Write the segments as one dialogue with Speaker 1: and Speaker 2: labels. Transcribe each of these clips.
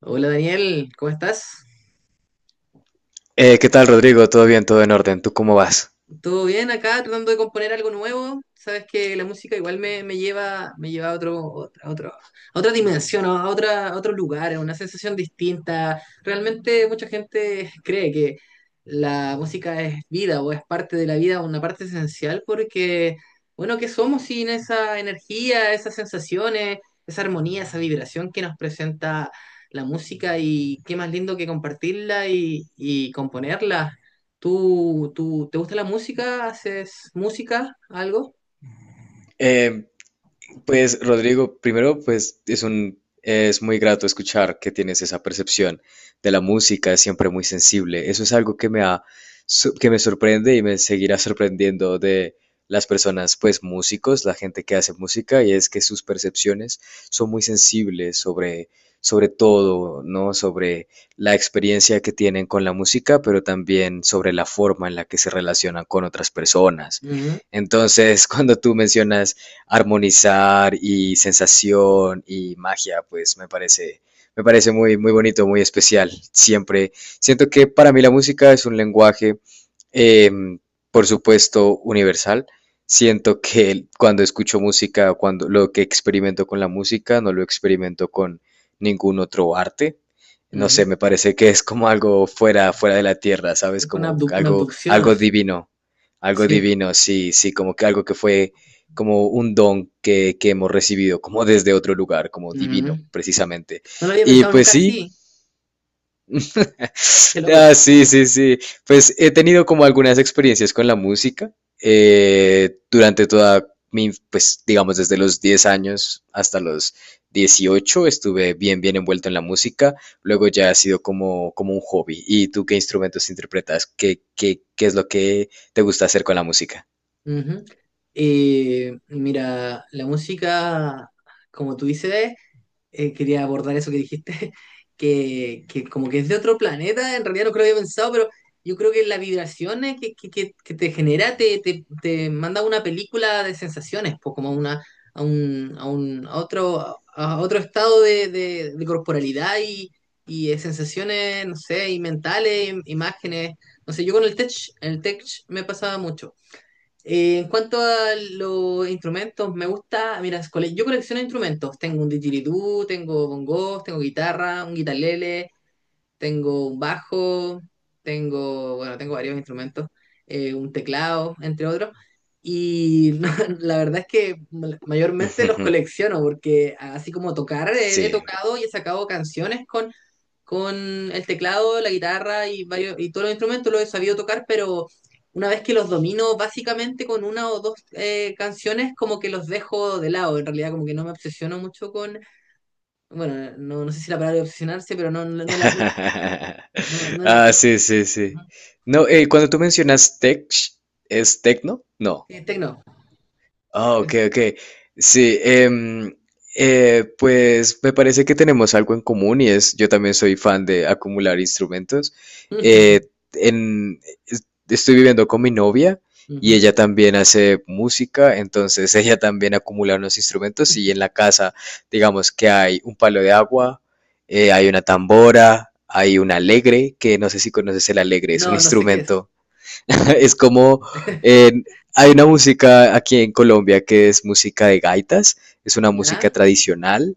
Speaker 1: Hola Daniel, ¿cómo estás?
Speaker 2: ¿Qué tal, Rodrigo? ¿Todo bien? ¿Todo en orden? ¿Tú cómo vas?
Speaker 1: ¿Todo bien acá? Tratando de componer algo nuevo. Sabes que la música igual me lleva, me lleva a otra dimensión, ¿no? A otra, a otro lugar, a una sensación distinta. Realmente mucha gente cree que la música es vida o es parte de la vida, una parte esencial, porque, bueno, ¿qué somos sin esa energía, esas sensaciones, esa armonía, esa vibración que nos presenta la música? Y qué más lindo que compartirla y componerla. ¿Tú, te gusta la música? ¿Haces música? ¿Algo?
Speaker 2: Eh, Pues Rodrigo, primero pues es muy grato escuchar que tienes esa percepción de la música, es siempre muy sensible. Eso es algo que me ha que me sorprende y me seguirá sorprendiendo de las personas, pues músicos, la gente que hace música, y es que sus percepciones son muy sensibles sobre sobre todo, ¿no? Sobre la experiencia que tienen con la música, pero también sobre la forma en la que se relacionan con otras personas.
Speaker 1: Ujú,
Speaker 2: Entonces, cuando tú mencionas armonizar y sensación y magia, pues me parece muy, muy bonito, muy especial. Siempre siento que para mí la música es un lenguaje, em, por supuesto, universal. Siento que cuando escucho música, cuando lo que experimento con la música, no lo experimento con ningún otro arte. No sé,
Speaker 1: ujú.
Speaker 2: me parece que es como algo fuera de la tierra, ¿sabes?
Speaker 1: Es con
Speaker 2: Como
Speaker 1: una
Speaker 2: algo,
Speaker 1: abducción así.
Speaker 2: algo
Speaker 1: Sí.
Speaker 2: divino, sí, sí, como que algo que fue como un don que hemos recibido, como desde otro lugar, como
Speaker 1: Ujú.
Speaker 2: divino, precisamente.
Speaker 1: No lo había
Speaker 2: Y
Speaker 1: pensado
Speaker 2: pues
Speaker 1: nunca
Speaker 2: sí,
Speaker 1: así. Qué loco.
Speaker 2: ah, sí, sí, sí. Pues he tenido como algunas experiencias con la música, durante toda mi, pues digamos desde los 10 años hasta los 18 estuve bien, bien envuelto en la música. Luego ya ha sido como, como un hobby. ¿Y tú qué instrumentos interpretas? ¿Qué es lo que te gusta hacer con la música?
Speaker 1: Ujú. Mira, la música, como tú dices, quería abordar eso que dijiste, que como que es de otro planeta, en realidad no creo que había pensado, pero yo creo que las vibraciones que te genera te manda a una película de sensaciones, pues como a una, a otro estado de, de corporalidad y de sensaciones, no sé, y mentales, imágenes. No sé, yo con el tech me pasaba mucho. En cuanto a los instrumentos, me gusta, mira, yo colecciono instrumentos. Tengo un didgeridoo, tengo bongos, tengo guitarra, un guitarlele, tengo un bajo, tengo, bueno, tengo varios instrumentos, un teclado, entre otros. Y no, la verdad es que mayormente los colecciono porque así como tocar, he
Speaker 2: Sí.
Speaker 1: tocado y he sacado canciones con el teclado, la guitarra y varios, y todos los instrumentos los he sabido tocar, pero una vez que los domino básicamente con una o dos canciones, como que los dejo de lado. En realidad como que no me obsesiono mucho con, bueno, no, no sé si la palabra es obsesionarse, pero no, no la aplico no, no la.
Speaker 2: Ah,
Speaker 1: No.
Speaker 2: sí, sí, sí.
Speaker 1: Ajá.
Speaker 2: No, cuando tú mencionas tech, ¿es tecno? No.
Speaker 1: Sí, tecno.
Speaker 2: Ah,
Speaker 1: Tal
Speaker 2: ok,
Speaker 1: vez.
Speaker 2: ok. Sí, pues me parece que tenemos algo en común y es, yo también soy fan de acumular instrumentos. Eh, en, es- Estoy viviendo con mi novia y
Speaker 1: Ujú.
Speaker 2: ella también hace música, entonces ella también acumula unos instrumentos y en la casa, digamos que hay un palo de agua, hay una tambora, hay un alegre, que no sé si conoces el alegre, es un
Speaker 1: No, no sé qué es.
Speaker 2: instrumento. Es como en- hay una música aquí en Colombia que es música de gaitas, es una música
Speaker 1: ¿Ya?
Speaker 2: tradicional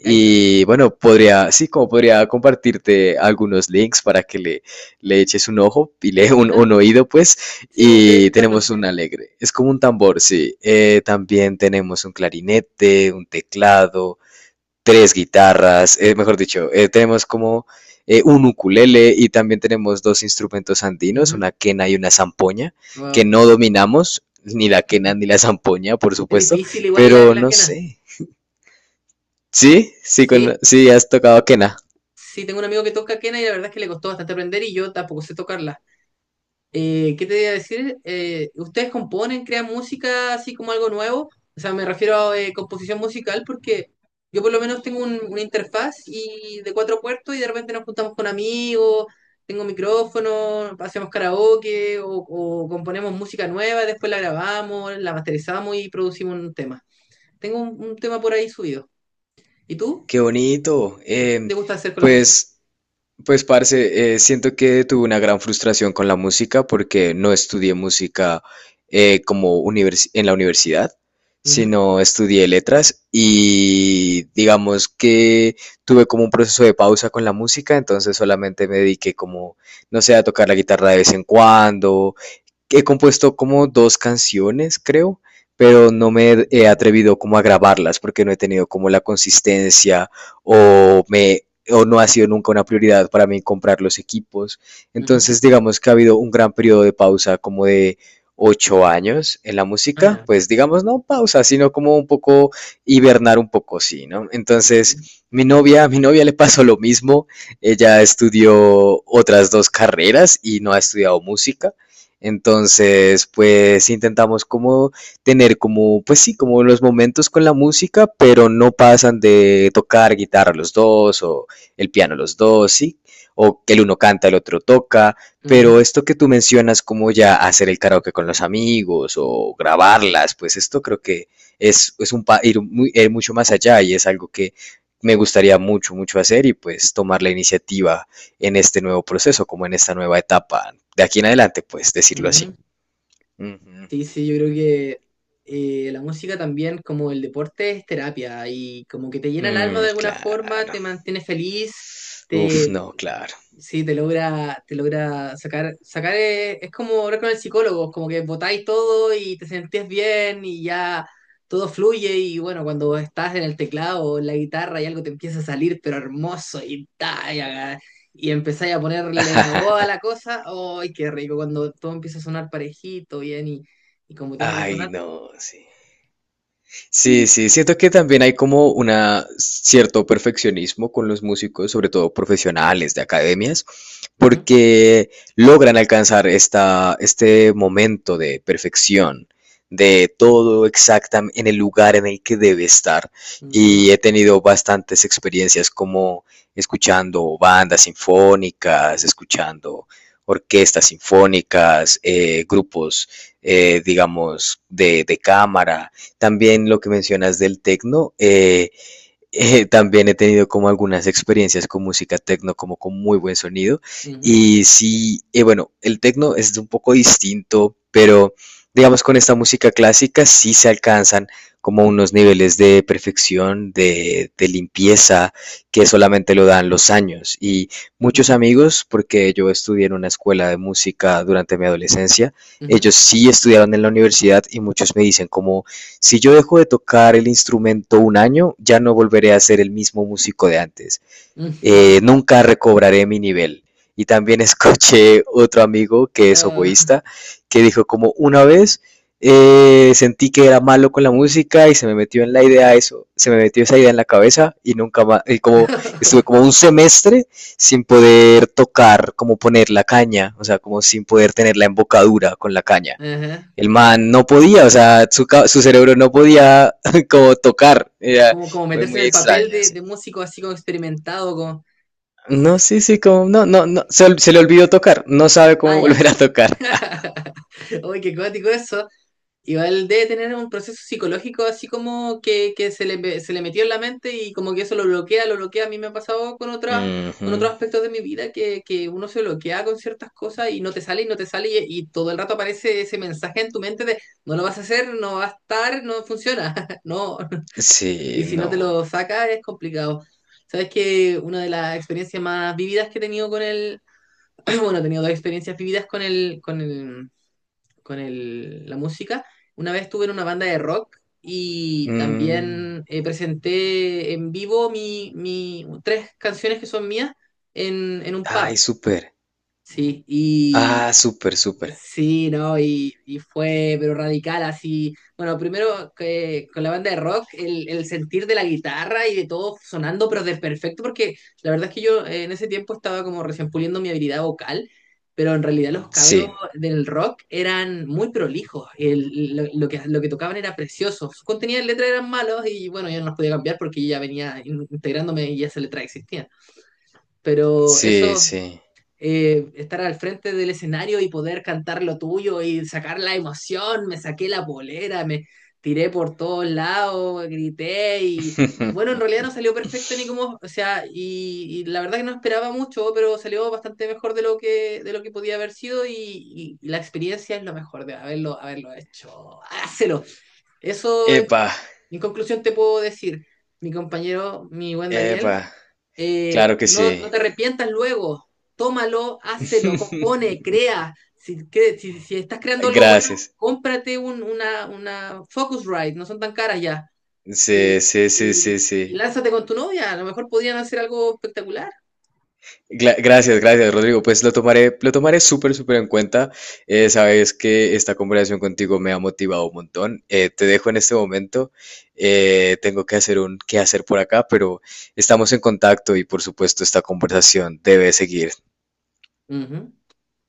Speaker 1: Gaitas.
Speaker 2: y bueno, podría, sí, como podría compartirte algunos links para que le eches un ojo y le
Speaker 1: Ajá.
Speaker 2: un oído pues,
Speaker 1: Sí, me gustaría
Speaker 2: y
Speaker 1: escucharlo.
Speaker 2: tenemos un alegre, es como un tambor, sí. También tenemos un clarinete, un teclado, tres guitarras, mejor dicho, tenemos como un ukulele, y también tenemos dos instrumentos andinos,
Speaker 1: Ujú.
Speaker 2: una quena y una zampoña, que
Speaker 1: Wow.
Speaker 2: no dominamos, ni la quena ni la zampoña, por
Speaker 1: Es
Speaker 2: supuesto,
Speaker 1: difícil igual la,
Speaker 2: pero
Speaker 1: la
Speaker 2: no
Speaker 1: quena.
Speaker 2: sé. Sí, sí, con,
Speaker 1: Sí,
Speaker 2: sí, has tocado quena.
Speaker 1: sí, tengo un amigo que toca quena y la verdad es que le costó bastante aprender y yo tampoco sé tocarla. ¿Qué te iba a decir? ¿Ustedes componen, crean música así como algo nuevo? O sea, me refiero a composición musical porque yo por lo menos tengo una interfaz y de cuatro puertos y de repente nos juntamos con amigos, tengo micrófono, hacemos karaoke o componemos música nueva, después la grabamos, la masterizamos y producimos un tema. Tengo un tema por ahí subido. ¿Y tú?
Speaker 2: Qué bonito.
Speaker 1: ¿Qué
Speaker 2: Eh,
Speaker 1: te gusta hacer con la música?
Speaker 2: pues Pues, parce, siento que tuve una gran frustración con la música porque no estudié música, en la universidad,
Speaker 1: Ujú,
Speaker 2: sino estudié letras y digamos que tuve como un proceso de pausa con la música, entonces solamente me dediqué como, no sé, a tocar la guitarra de vez en cuando, he compuesto como dos canciones, creo, pero no me he atrevido como a grabarlas porque no he tenido como la consistencia o me o no ha sido nunca una prioridad para mí comprar los equipos.
Speaker 1: ujú, ujú.
Speaker 2: Entonces, digamos que ha habido un gran periodo de pausa como de 8 años en la
Speaker 1: Ah,
Speaker 2: música,
Speaker 1: ya.
Speaker 2: pues digamos no pausa, sino como un poco hibernar un poco, sí, ¿no?
Speaker 1: Ujú,
Speaker 2: Entonces, a mi novia le pasó lo mismo, ella estudió otras dos carreras y no ha estudiado música, entonces, pues intentamos como tener como, pues sí, como los momentos con la música, pero no pasan de tocar guitarra los dos o el piano los dos, sí, o que el uno canta, el otro toca, pero
Speaker 1: ujú,
Speaker 2: esto que tú mencionas como ya hacer el karaoke con los amigos o grabarlas, pues esto creo que es un ir mucho más allá, y es algo que me gustaría mucho, mucho hacer, y pues tomar la iniciativa en este nuevo proceso, como en esta nueva etapa. De aquí en adelante, pues decirlo así.
Speaker 1: ujú.
Speaker 2: Ujú.
Speaker 1: Sí, sí, yo creo que la música también, como el deporte, es terapia y como que te llena el alma
Speaker 2: Mm,
Speaker 1: de alguna forma,
Speaker 2: claro.
Speaker 1: te mantiene feliz,
Speaker 2: Uf,
Speaker 1: te,
Speaker 2: no, claro.
Speaker 1: sí, te logra sacar, sacar es, como hablar con el psicólogo, como que botáis todo y te sentís bien y ya todo fluye y bueno, cuando estás en el teclado o en la guitarra y algo te empieza a salir pero hermoso y, ta, y, y empezáis a ponerle la voz a la cosa, ¡ay, qué rico! Cuando todo empieza a sonar parejito, bien y como tiene que
Speaker 2: Ay,
Speaker 1: sonar.
Speaker 2: no, sí. Sí, sí, siento que también hay como una cierto perfeccionismo con los músicos, sobre todo profesionales de academias,
Speaker 1: Ujú,
Speaker 2: porque logran alcanzar este momento de perfección, de todo exactamente en el lugar en el que debe estar.
Speaker 1: ujú,
Speaker 2: Y he tenido bastantes experiencias como escuchando bandas sinfónicas, escuchando orquestas sinfónicas, grupos, digamos, de cámara, también lo que mencionas del tecno, también he tenido como algunas experiencias con música tecno, como con muy buen sonido.
Speaker 1: ujú,
Speaker 2: Y sí, bueno, el tecno es un poco distinto, pero digamos con esta música clásica sí se alcanzan como unos niveles de perfección, limpieza, que solamente lo dan los años. Y muchos
Speaker 1: ujú,
Speaker 2: amigos, porque yo estudié en una escuela de música durante mi adolescencia,
Speaker 1: ujú, ujú.
Speaker 2: ellos sí estudiaron en la universidad y muchos me dicen como, si yo dejo de tocar el instrumento un año, ya no volveré a ser el mismo músico de antes. Nunca recobraré mi nivel. Y también escuché otro amigo que es
Speaker 1: Ah,
Speaker 2: oboísta, que dijo como una vez, sentí que era malo con la música y se me metió en la idea eso, se me metió esa idea en la cabeza y nunca más, y como estuve como un semestre sin poder tocar, como poner la caña, o sea, como sin poder tener la embocadura con la caña,
Speaker 1: ajá.
Speaker 2: el man no podía, o sea, su cerebro no podía como tocar, era
Speaker 1: Como, como
Speaker 2: muy,
Speaker 1: meterse en
Speaker 2: muy
Speaker 1: el papel
Speaker 2: extraña, sí.
Speaker 1: de músico así como experimentado, como,
Speaker 2: No, sí, sí, como, no, no, no, se le olvidó tocar, no sabe cómo
Speaker 1: ah, ya.
Speaker 2: volver a tocar.
Speaker 1: Uy, qué cuático eso. Igual debe tener un proceso psicológico así como que se le metió en la mente y como que eso lo bloquea, lo bloquea. A mí me ha pasado con otras,
Speaker 2: Uh
Speaker 1: con
Speaker 2: -huh.
Speaker 1: otros aspectos de mi vida que uno se bloquea con ciertas cosas y no te sale y no te sale y todo el rato aparece ese mensaje en tu mente de no lo vas a hacer, no va a estar, no funciona, no, y
Speaker 2: Sí,
Speaker 1: si no
Speaker 2: no.
Speaker 1: te lo sacas, es complicado. Sabes que una de las experiencias más vividas que he tenido con el. Bueno, he tenido dos experiencias vividas con el, la música. Una vez estuve en una banda de rock y
Speaker 2: Mm.
Speaker 1: también presenté en vivo tres canciones que son mías en un pub.
Speaker 2: Ay, súper.
Speaker 1: Sí, y,
Speaker 2: Ah, súper, súper.
Speaker 1: sí, ¿no? Y fue, pero radical, así. Bueno, primero que con la banda de rock, el sentir de la guitarra y de todo sonando, pero de perfecto, porque la verdad es que yo en ese tiempo estaba como recién puliendo mi habilidad vocal, pero en realidad los
Speaker 2: Sí,
Speaker 1: cabros del rock eran muy prolijos. Lo que, lo que tocaban era precioso. Sus contenidos de letra eran malos y bueno, yo no los podía cambiar porque ya venía integrándome y esa letra existía. Pero
Speaker 2: sí,
Speaker 1: eso
Speaker 2: sí.
Speaker 1: estar al frente del escenario y poder cantar lo tuyo y sacar la emoción, me saqué la polera, me tiré por todos lados, grité y bueno, en realidad no salió perfecto ni como, o sea, y la verdad que no esperaba mucho, pero salió bastante mejor de lo que podía haber sido y, y la experiencia es lo mejor de haberlo, haberlo hecho. Hácelo. Eso
Speaker 2: Epa,
Speaker 1: en conclusión te puedo decir, mi compañero, mi buen Daniel,
Speaker 2: epa, claro que
Speaker 1: no, no
Speaker 2: sí.
Speaker 1: te arrepientas luego, tómalo, hácelo, compone, crea. Si, si, si estás creando algo bueno,
Speaker 2: Gracias.
Speaker 1: cómprate un, una Focusrite, no son tan caras ya.
Speaker 2: Sí,
Speaker 1: Eh,
Speaker 2: sí, sí, sí,
Speaker 1: y, y
Speaker 2: sí.
Speaker 1: lánzate con tu novia, a lo mejor podrían hacer algo espectacular.
Speaker 2: Gracias, gracias, Rodrigo. Pues lo tomaré súper, súper en cuenta. Sabes que esta conversación contigo me ha motivado un montón. Te dejo en este momento. Tengo que hacer un qué hacer por acá, pero estamos en contacto, y por supuesto esta conversación debe seguir.
Speaker 1: Ujú.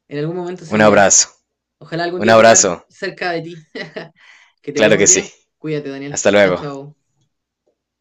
Speaker 1: En algún momento
Speaker 2: Un
Speaker 1: seguirá.
Speaker 2: abrazo,
Speaker 1: Ojalá algún
Speaker 2: un
Speaker 1: día tocar
Speaker 2: abrazo.
Speaker 1: cerca de ti. Que te vaya
Speaker 2: Claro
Speaker 1: muy
Speaker 2: que sí.
Speaker 1: bien. Cuídate, Daniel.
Speaker 2: Hasta
Speaker 1: Chao,
Speaker 2: luego.
Speaker 1: chao.